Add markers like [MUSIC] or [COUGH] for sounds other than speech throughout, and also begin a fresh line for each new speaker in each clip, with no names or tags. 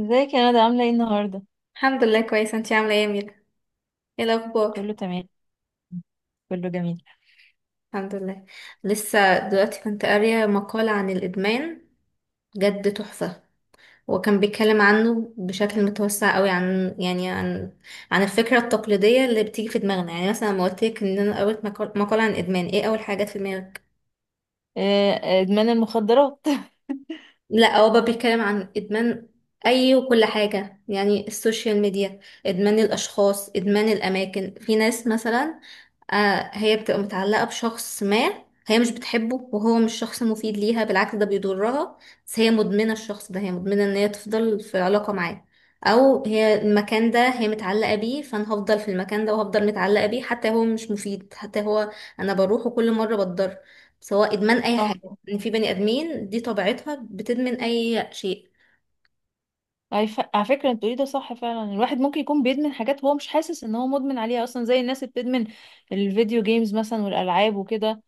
ازيك يا ندى عاملة ايه النهاردة؟
الحمد لله، كويسة. انتي عاملة ايه يا ميرا؟ ايه الأخبار؟
كله تمام. كله جميل.
الحمد لله. لسه دلوقتي كنت قارية مقال عن الإدمان، جد تحفة. وكان بيتكلم عنه بشكل متوسع قوي عن، يعني، عن الفكرة التقليدية اللي بتيجي في دماغنا. يعني مثلا لما قلت لك ان انا قريت مقال عن الإدمان، ايه أول حاجات في دماغك؟
آه، آه، ادمان المخدرات.
لا، هو بقى بيتكلم عن ادمان اي وكل حاجه، يعني السوشيال ميديا، ادمان الاشخاص، ادمان الاماكن. في ناس مثلا هي بتبقى متعلقه بشخص ما، هي مش بتحبه وهو مش شخص مفيد ليها، بالعكس ده بيضرها، بس هي مدمنه الشخص ده، هي مدمنه ان هي تفضل في علاقه معاه. او هي المكان ده هي متعلقه بيه، فانا هفضل في المكان ده وهفضل متعلقه بيه حتى هو مش مفيد، حتى هو انا بروحه كل مره بتضر. سواء ادمان اي حاجه،
[LAUGHS] اه.
ان في بني ادمين دي طبيعتها بتدمن اي شيء.
على فكرة انت بتقولي ده صح فعلا، الواحد ممكن يكون بيدمن حاجات هو مش حاسس ان هو مدمن عليها اصلا، زي الناس اللي بتدمن الفيديو جيمز مثلا والالعاب وكده.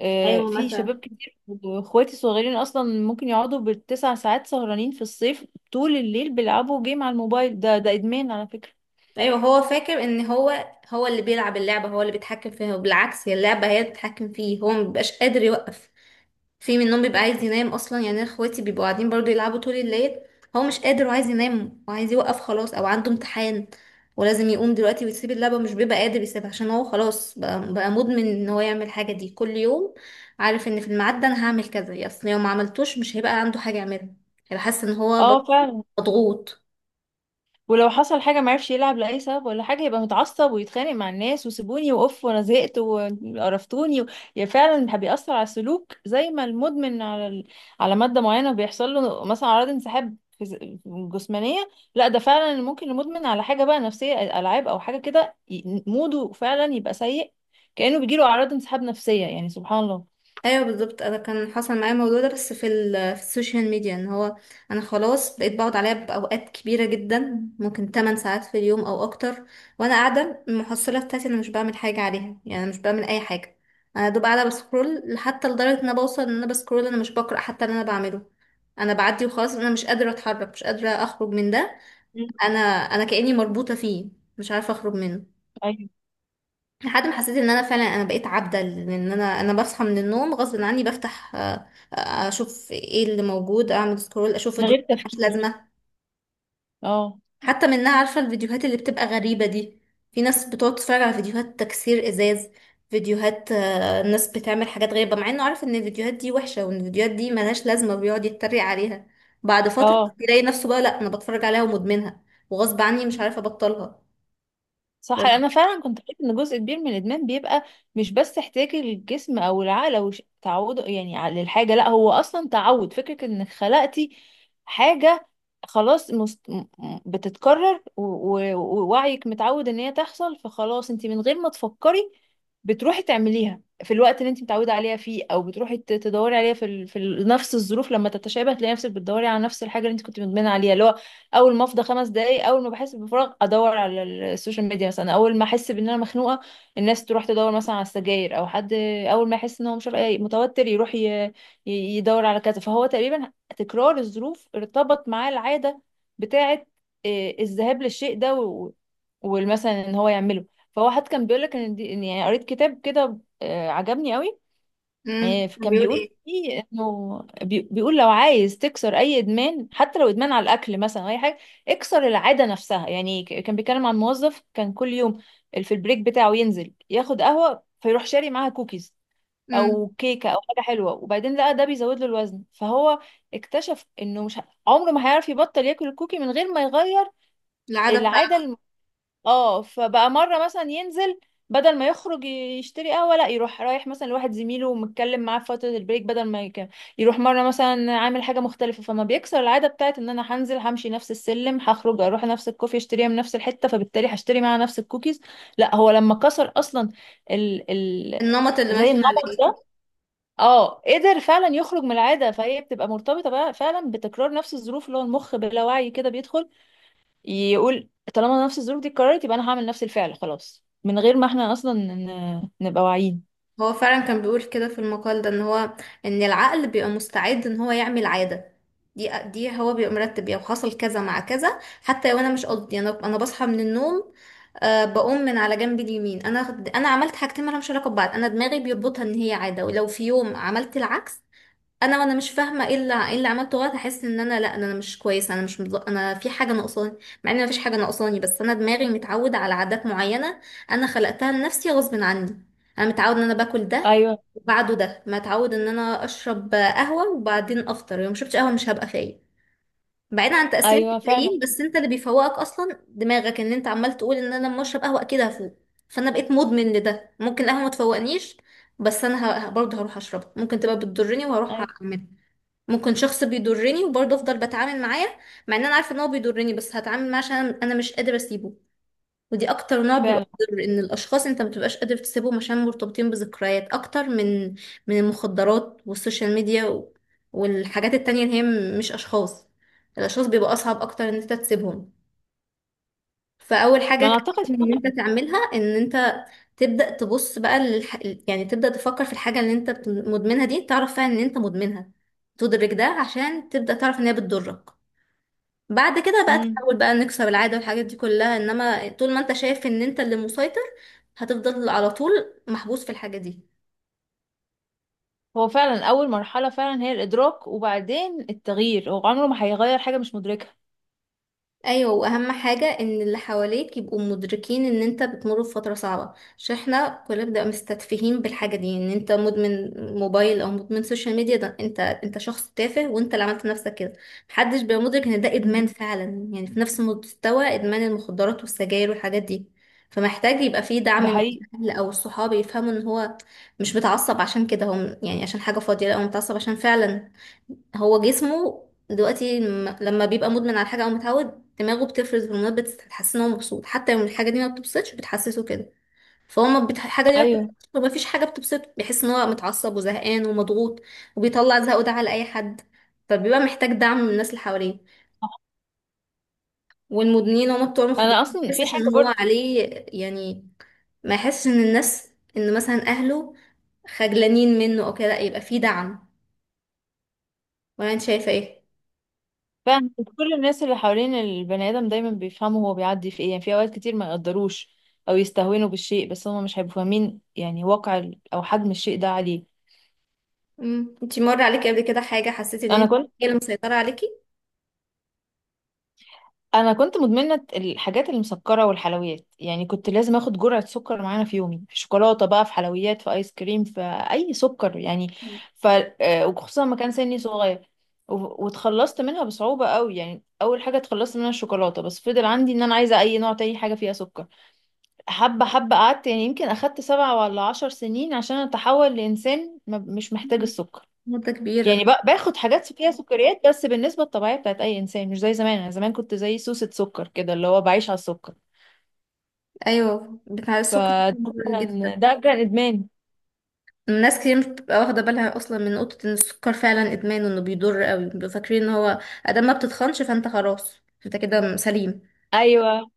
ايوه،
في
مثلا.
شباب كتير واخواتي الصغيرين اصلا ممكن يقعدوا بال9 ساعات سهرانين في الصيف طول الليل بيلعبوا جيم على الموبايل. ده ادمان على فكرة.
ايوه هو فاكر ان هو اللي بيلعب اللعبه، هو اللي بيتحكم فيها، وبالعكس هي اللعبه هي اللي بتتحكم فيه، هو مبيبقاش قادر يوقف. في منهم بيبقى عايز ينام اصلا، يعني أنا اخواتي بيبقوا قاعدين برضو يلعبوا طول الليل، هو مش قادر وعايز ينام وعايز يوقف خلاص او عنده امتحان ولازم يقوم دلوقتي ويسيب اللعبة، مش بيبقى قادر يسيبها عشان هو خلاص بقى مدمن ان هو يعمل الحاجة دي كل يوم، عارف ان في الميعاد ده انا هعمل كذا، يا اصل لو ما عملتوش مش هيبقى عنده حاجة يعملها، هيبقى حاسس ان هو برضه
اه فعلا.
مضغوط.
ولو حصل حاجة معرفش يلعب لأي سبب ولا حاجة، يبقى متعصب ويتخانق مع الناس، وسيبوني وأوف وأنا زهقت وقرفتوني يعني فعلا بيأثر على السلوك، زي ما المدمن على على مادة معينة بيحصل له مثلا أعراض انسحاب جسمانية. لا ده فعلا ممكن المدمن على حاجة بقى نفسية، ألعاب أو حاجة كده، موده فعلا يبقى سيء، كأنه بيجيله أعراض انسحاب نفسية. يعني سبحان الله.
ايوه بالظبط، انا كان حصل معايا الموضوع ده بس في السوشيال ميديا، ان هو انا خلاص بقيت بقعد عليها باوقات كبيره جدا، ممكن 8 ساعات في اليوم او اكتر. وانا قاعده المحصله بتاعتي انا مش بعمل حاجه عليها، يعني انا مش بعمل اي حاجه، انا دوب قاعده بسكرول، حتى لدرجه ان انا بوصل ان انا بسكرول انا مش بقرا حتى اللي انا بعمله، انا بعدي وخلاص، انا مش قادره اتحرك مش قادره اخرج من ده،
مم.
انا كاني مربوطه فيه، مش عارفه اخرج منه.
أيوة.
لحد ما حسيت ان انا فعلا انا بقيت عبدة، لان انا بصحى من النوم غصب عني، بفتح اشوف ايه اللي موجود، اعمل سكرول، اشوف
من غير
فيديوهات ملهاش
تفكير.
لازمة.
اه.
حتى منها، عارفة الفيديوهات اللي بتبقى غريبة دي، في ناس بتقعد تتفرج على فيديوهات تكسير ازاز، فيديوهات ناس بتعمل حاجات غريبة، مع انه عارف ان الفيديوهات دي وحشة وان الفيديوهات دي ملهاش لازمة وبيقعد يتريق عليها، بعد فترة
اه
يلاقي نفسه بقى لا انا بتفرج عليها ومدمنها، وغصب عني مش عارفة ابطلها.
صح، انا فعلا كنت قريت ان جزء كبير من الادمان بيبقى مش بس احتياج الجسم او العقل او تعوده يعني للحاجه، لا هو اصلا تعود، فكره انك خلقتي حاجه خلاص بتتكرر ووعيك متعود ان هي تحصل، فخلاص انت من غير ما تفكري بتروحي تعمليها في الوقت اللي انت متعوده عليها فيه، او بتروحي تدوري عليها في نفس الظروف، لما تتشابه تلاقي نفسك بتدوري على نفس الحاجه اللي انت كنت مدمنه عليها، اللي هو اول ما افضى 5 دقايق، اول ما بحس بفراغ ادور على السوشيال ميديا مثلا، اول ما احس بان انا مخنوقه الناس تروح تدور مثلا على السجاير او حد، اول ما يحس ان هو مش عارف- إيه، متوتر يروح يدور على كذا. فهو تقريبا تكرار الظروف ارتبط معاه العاده بتاعه، الذهاب للشيء ده والمثلا ان هو يعمله. فهو حد كان بيقول لك ان دي إن يعني قريت كتاب كده عجبني قوي. كان
بيقول
بيقول
ايه؟
فيه انه بيقول لو عايز تكسر اي ادمان، حتى لو ادمان على الاكل مثلا او اي حاجه، اكسر العاده نفسها. يعني كان بيتكلم عن موظف كان كل يوم في البريك بتاعه ينزل ياخد قهوه، فيروح شاري معاها كوكيز
امم
او كيكه او حاجه حلوه، وبعدين لقى ده بيزود له الوزن، فهو اكتشف انه مش ه- عمره ما هيعرف يبطل ياكل الكوكي من غير ما يغير
العادة.
العاده. اه فبقى مرة مثلا ينزل، بدل ما يخرج يشتري قهوة لا يروح رايح مثلا لواحد زميله ومتكلم معاه في فترة البريك، بدل ما يروح مرة مثلا عامل حاجة مختلفة، فما بيكسر العادة بتاعت ان انا هنزل همشي نفس السلم، هخرج اروح نفس الكوفي اشتريها من نفس الحتة، فبالتالي هشتري معاها نفس الكوكيز. لا هو لما كسر اصلا ال... ال...
النمط اللي
زي
ماشي
النمط
عليه.
ده، اه قدر فعلا يخرج من العادة. فهي بتبقى مرتبطة بقى فعلا بتكرار نفس الظروف، اللي هو المخ بلا وعي كده بيدخل يقول طالما نفس الظروف دي اتكررت يبقى انا هعمل نفس الفعل، خلاص من غير ما احنا اصلا نبقى واعيين.
هو فعلا كان بيقول كده في المقال ده، ان العقل بيبقى مستعد ان هو يعمل عادة، دي هو بيبقى مرتب، يعني حصل كذا مع كذا، حتى لو انا مش قصدي، انا بصحى من النوم، بقوم من على جنب اليمين، انا عملت حاجتين مالهمش علاقة ببعض، انا دماغي بيربطها ان هي عادة. ولو في يوم عملت العكس، وانا مش فاهمه ايه اللي عملته غلط، هحس ان انا، لا، إن انا مش كويسه، انا مش انا في حاجه ناقصاني، مع ان مفيش حاجه ناقصاني، بس انا دماغي متعوده على عادات معينه، انا خلقتها لنفسي غصب عني. انا متعود ان انا باكل ده،
ايوه.
وبعده ده متعود ان انا اشرب قهوه وبعدين افطر، لو ما شربتش قهوه مش هبقى فايق. بعيدا عن تاثير
ايوه فعلا.
الكافيين، بس انت اللي بيفوقك اصلا دماغك، ان انت عمال تقول ان انا لما اشرب قهوه اكيد هفوق. فانا بقيت مدمن لده، ممكن القهوه ما تفوقنيش بس انا برضه هروح اشربها، ممكن تبقى بتضرني وهروح
ايوه
اعملها. ممكن شخص بيضرني وبرضه افضل بتعامل معاه، مع ان انا عارفه ان هو بيضرني، بس هتعامل معاه عشان انا مش قادره اسيبه. ودي اكتر نوع بيبقى
فعلا.
مضر، ان الاشخاص انت ما بتبقاش قادر تسيبهم عشان مرتبطين بذكريات اكتر من المخدرات والسوشيال ميديا والحاجات التانية اللي هي مش اشخاص. الاشخاص بيبقى اصعب اكتر ان انت تسيبهم. فاول حاجه
ما انا اعتقد
كان ان انت
فعلا.
تعملها، ان انت تبدأ تبص بقى يعني تبدأ تفكر في الحاجة اللي انت مدمنها دي، تعرف فعلا ان انت مدمنها، تدرك ده عشان تبدأ تعرف ان هي بتضرك. بعد كده بقى
امم
تحاول بقى نكسر العادة والحاجات دي كلها، انما طول ما انت شايف ان انت اللي مسيطر هتفضل على طول محبوس في الحاجة دي.
هو فعلا اول مرحله فعلا هي الادراك وبعدين التغيير، هو عمره ما هيغير حاجه مش مدركها.
ايوه، واهم حاجه ان اللي حواليك يبقوا مدركين ان انت بتمر بفتره صعبه، عشان احنا كلنا بنبقى مستتفهين بالحاجه دي، ان انت مدمن موبايل او مدمن سوشيال ميديا، ده انت شخص تافه وانت اللي عملت نفسك كده، محدش بيبقى مدرك ان ده
مم.
ادمان فعلا يعني في نفس مستوى ادمان المخدرات والسجاير والحاجات دي. فمحتاج يبقى فيه دعم
ده
من
حقيقي.
الاهل او الصحاب، يفهموا ان هو مش متعصب عشان كده هم يعني عشان حاجه فاضيه، لا هو متعصب عشان فعلا هو جسمه دلوقتي لما بيبقى مدمن على حاجة أو متعود، دماغه بتفرز هرمونات بتحسسه إن هو مبسوط حتى لو الحاجة دي ما بتبسطش، بتحسسه كده. فهو ما الحاجة دي ما
ايوه.
بتبسطش، وما فيش حاجة بتبسطه، بيحس إن هو متعصب وزهقان ومضغوط، وبيطلع زهقه ده على أي حد. فبيبقى محتاج دعم من الناس اللي حواليه، والمدمنين هما بتوع المخدرات،
انا
ما
اصلا في
يحسش
حاجه
إن هو
برضه.
عليه يعني، ما يحسش إن الناس، إن مثلا أهله خجلانين منه أو كده، لأ، يبقى فيه دعم. ولا أنت شايفة إيه؟
فعلا كل الناس اللي حوالين البني ادم دايما بيفهموا هو بيعدي في ايه، يعني في اوقات كتير ما يقدروش او يستهونوا بالشيء، بس هم مش هيبقوا فاهمين يعني واقع او حجم الشيء ده عليه.
مم. انتي مر عليكي قبل كده حاجة حسيتي ان
انا
انت
كنت
هي اللي مسيطرة عليكي؟
انا كنت مدمنه الحاجات المسكره والحلويات، يعني كنت لازم اخد جرعه سكر معانا في يومي، في شوكولاته بقى، في حلويات، في ايس كريم، في اي سكر يعني. ف وخصوصا ما كان سني صغير واتخلصت منها بصعوبه قوي. يعني اول حاجه اتخلصت منها الشوكولاته، بس فضل عندي ان انا عايزه اي نوع تاني حاجه فيها سكر. حبه حبه، قعدت يعني يمكن اخدت 7 ولا 10 سنين عشان اتحول لانسان مش محتاج
مم.
السكر.
مدة
يعني
كبيرة.
باخد حاجات فيها سكريات بس بالنسبة الطبيعية بتاعت أي إنسان، مش زي زمان. أنا زمان كنت زي سوسة سكر كده، اللي هو بعيش على السكر.
ايوه بتاع السكر
فده
مضر جدا.
كان، ده كان إدمان.
ناس كتير مش بتبقى واخدة بالها اصلا من نقطة ان السكر فعلا ادمان وانه بيضر قوي، بيبقوا فاكرين ان هو ادام ما بتتخنش فانت خلاص، انت كده سليم،
أيوه.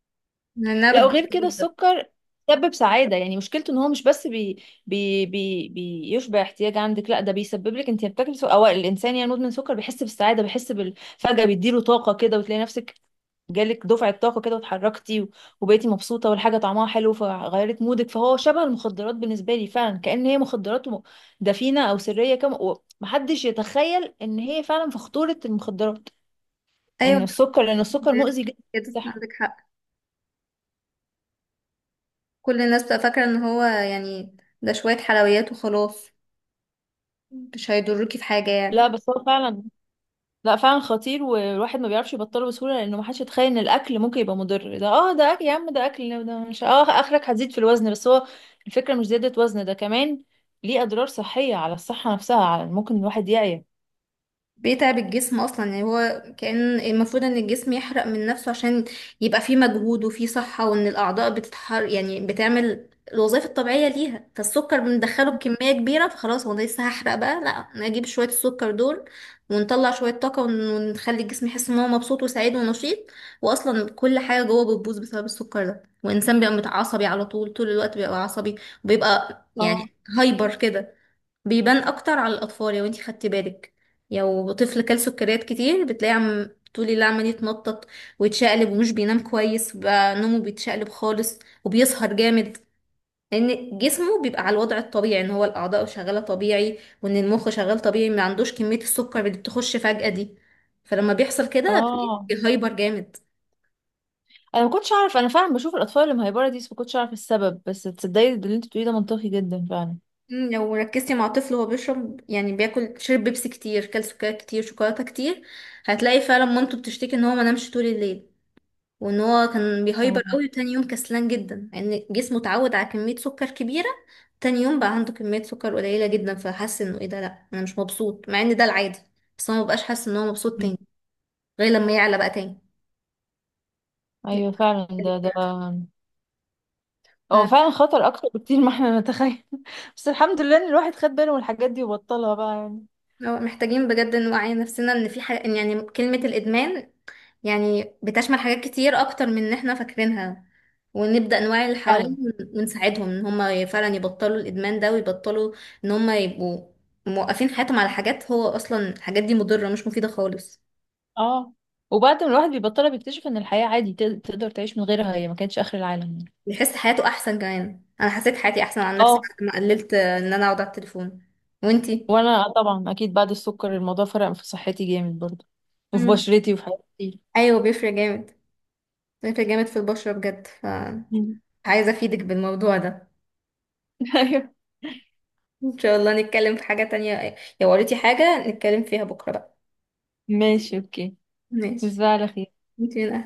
لانها
لا
بتضر
وغير كده
جدا.
السكر بيسبب سعادة، يعني مشكلته ان هو مش بس بي بي بي بيشبع احتياج عندك، لا ده بيسبب لك، انت بتاكل سكر او الانسان يعني مدمن سكر بيحس بالسعادة، بيحس فجأة بيديله طاقة كده، وتلاقي نفسك جالك دفعة طاقة كده واتحركتي وبقيتي مبسوطة والحاجة طعمها حلو فغيرت مودك. فهو شبه المخدرات بالنسبة لي فعلا، كأن هي مخدرات دفينة او سرية كم، ومحدش يتخيل ان هي فعلا في خطورة المخدرات،
ايوه
ان السكر، لان السكر مؤذي جدا
كده
للصحة.
عندك حق، كل الناس بتبقى فاكرة ان هو يعني ده شوية حلويات وخلاص، مش هيضركي في حاجة
لا
يعني.
بس هو فعلا، لا فعلا خطير، والواحد ما بيعرفش يبطله بسهولة لأنه ما حدش يتخيل إن الأكل ممكن يبقى مضر. ده اه ده أكل يا عم، ده أكل، ده مش، اه آخرك هتزيد في الوزن، بس هو الفكرة مش زيادة وزن، ده كمان ليه أضرار صحية على الصحة نفسها، على ممكن الواحد يعيا.
بيتعب الجسم اصلا، يعني هو كان المفروض ان الجسم يحرق من نفسه عشان يبقى فيه مجهود وفيه صحة، وان الاعضاء بتتحر، يعني بتعمل الوظائف الطبيعية ليها، فالسكر بندخله بكمية كبيرة فخلاص، هو ده لسه هحرق بقى، لا نجيب شوية السكر دول ونطلع شوية طاقة ونخلي الجسم يحس ان هو مبسوط وسعيد ونشيط. واصلا كل حاجة جوه بتبوظ بسبب السكر ده، والانسان بيبقى متعصبي على طول، طول الوقت بيبقى عصبي، وبيبقى
اه.
يعني هايبر كده. بيبان اكتر على الاطفال لو انتي خدتي بالك، لو طفل كل سكريات كتير بتلاقي عم طول الليل عمال يتنطط ويتشقلب ومش بينام كويس، بقى نومه بيتشقلب خالص وبيسهر جامد، لان جسمه بيبقى على الوضع الطبيعي ان هو الاعضاء شغاله طبيعي وان المخ شغال طبيعي، ما عندوش كميه السكر اللي بتخش فجاه دي، فلما بيحصل كده
اه
بيبقى هايبر جامد.
أنا ما كنتش أعرف، أنا فعلا بشوف الأطفال اللي مهيبرة دي بس ما كنتش أعرف السبب، بس تصدقي اللي أنت بتقوليه ده منطقي جدا فعلا.
لو ركزتي مع طفل وهو بيشرب، يعني بياكل شرب بيبسي كتير كل سكريات كتير شوكولاته كتير، هتلاقي فعلا مامته بتشتكي ان هو ما نامش طول الليل، وان هو كان بيهايبر
اه.
قوي، وتاني يوم كسلان جدا لان يعني جسمه اتعود على كمية سكر كبيرة، تاني يوم بقى عنده كمية سكر قليلة جدا فحس انه ايه ده، لا انا مش مبسوط، مع ان ده العادي، بس هو مبقاش حاسس ان هو مبسوط تاني غير لما يعلى بقى تاني.
أيوه فعلا. ده هو
ف-
فعلا خطر أكتر بكتير ما احنا نتخيل. [LAUGHS] بس الحمد لله إن الواحد خد باله من الحاجات دي وبطلها بقى يعني.
هو محتاجين بجد نوعي نفسنا ان في حاجة، إن يعني كلمة الادمان يعني بتشمل حاجات كتير اكتر من ان احنا فاكرينها، ونبدأ نوعي اللي حوالينا
فعلا.
ونساعدهم ان هم فعلا يبطلوا الادمان ده، ويبطلوا ان هم يبقوا موقفين حياتهم على حاجات هو اصلا الحاجات دي مضرة مش مفيدة خالص.
اه وبعد ما الواحد بيبطلها بيكتشف ان الحياة عادي تقدر تعيش من غيرها، هي ما كانتش اخر العالم يعني.
يحس حياته احسن كمان، انا حسيت حياتي احسن عن نفسي
اه.
بعد ما قللت ان انا اقعد على التليفون. وانتي؟
وانا آه طبعا اكيد بعد السكر الموضوع فرق في صحتي جامد برضه، وفي
مم.
بشرتي وفي حياتي.
ايوه بيفرق جامد، بيفرق جامد في البشرة بجد، فعايزة
مم.
افيدك بالموضوع ده.
[LAUGHS] ايوه.
ان شاء الله نتكلم في حاجة تانية، لو قريتي حاجة نتكلم فيها بكرة بقى.
ماشي اوكي.
ماشي.
تصبح على خير.
يمكن.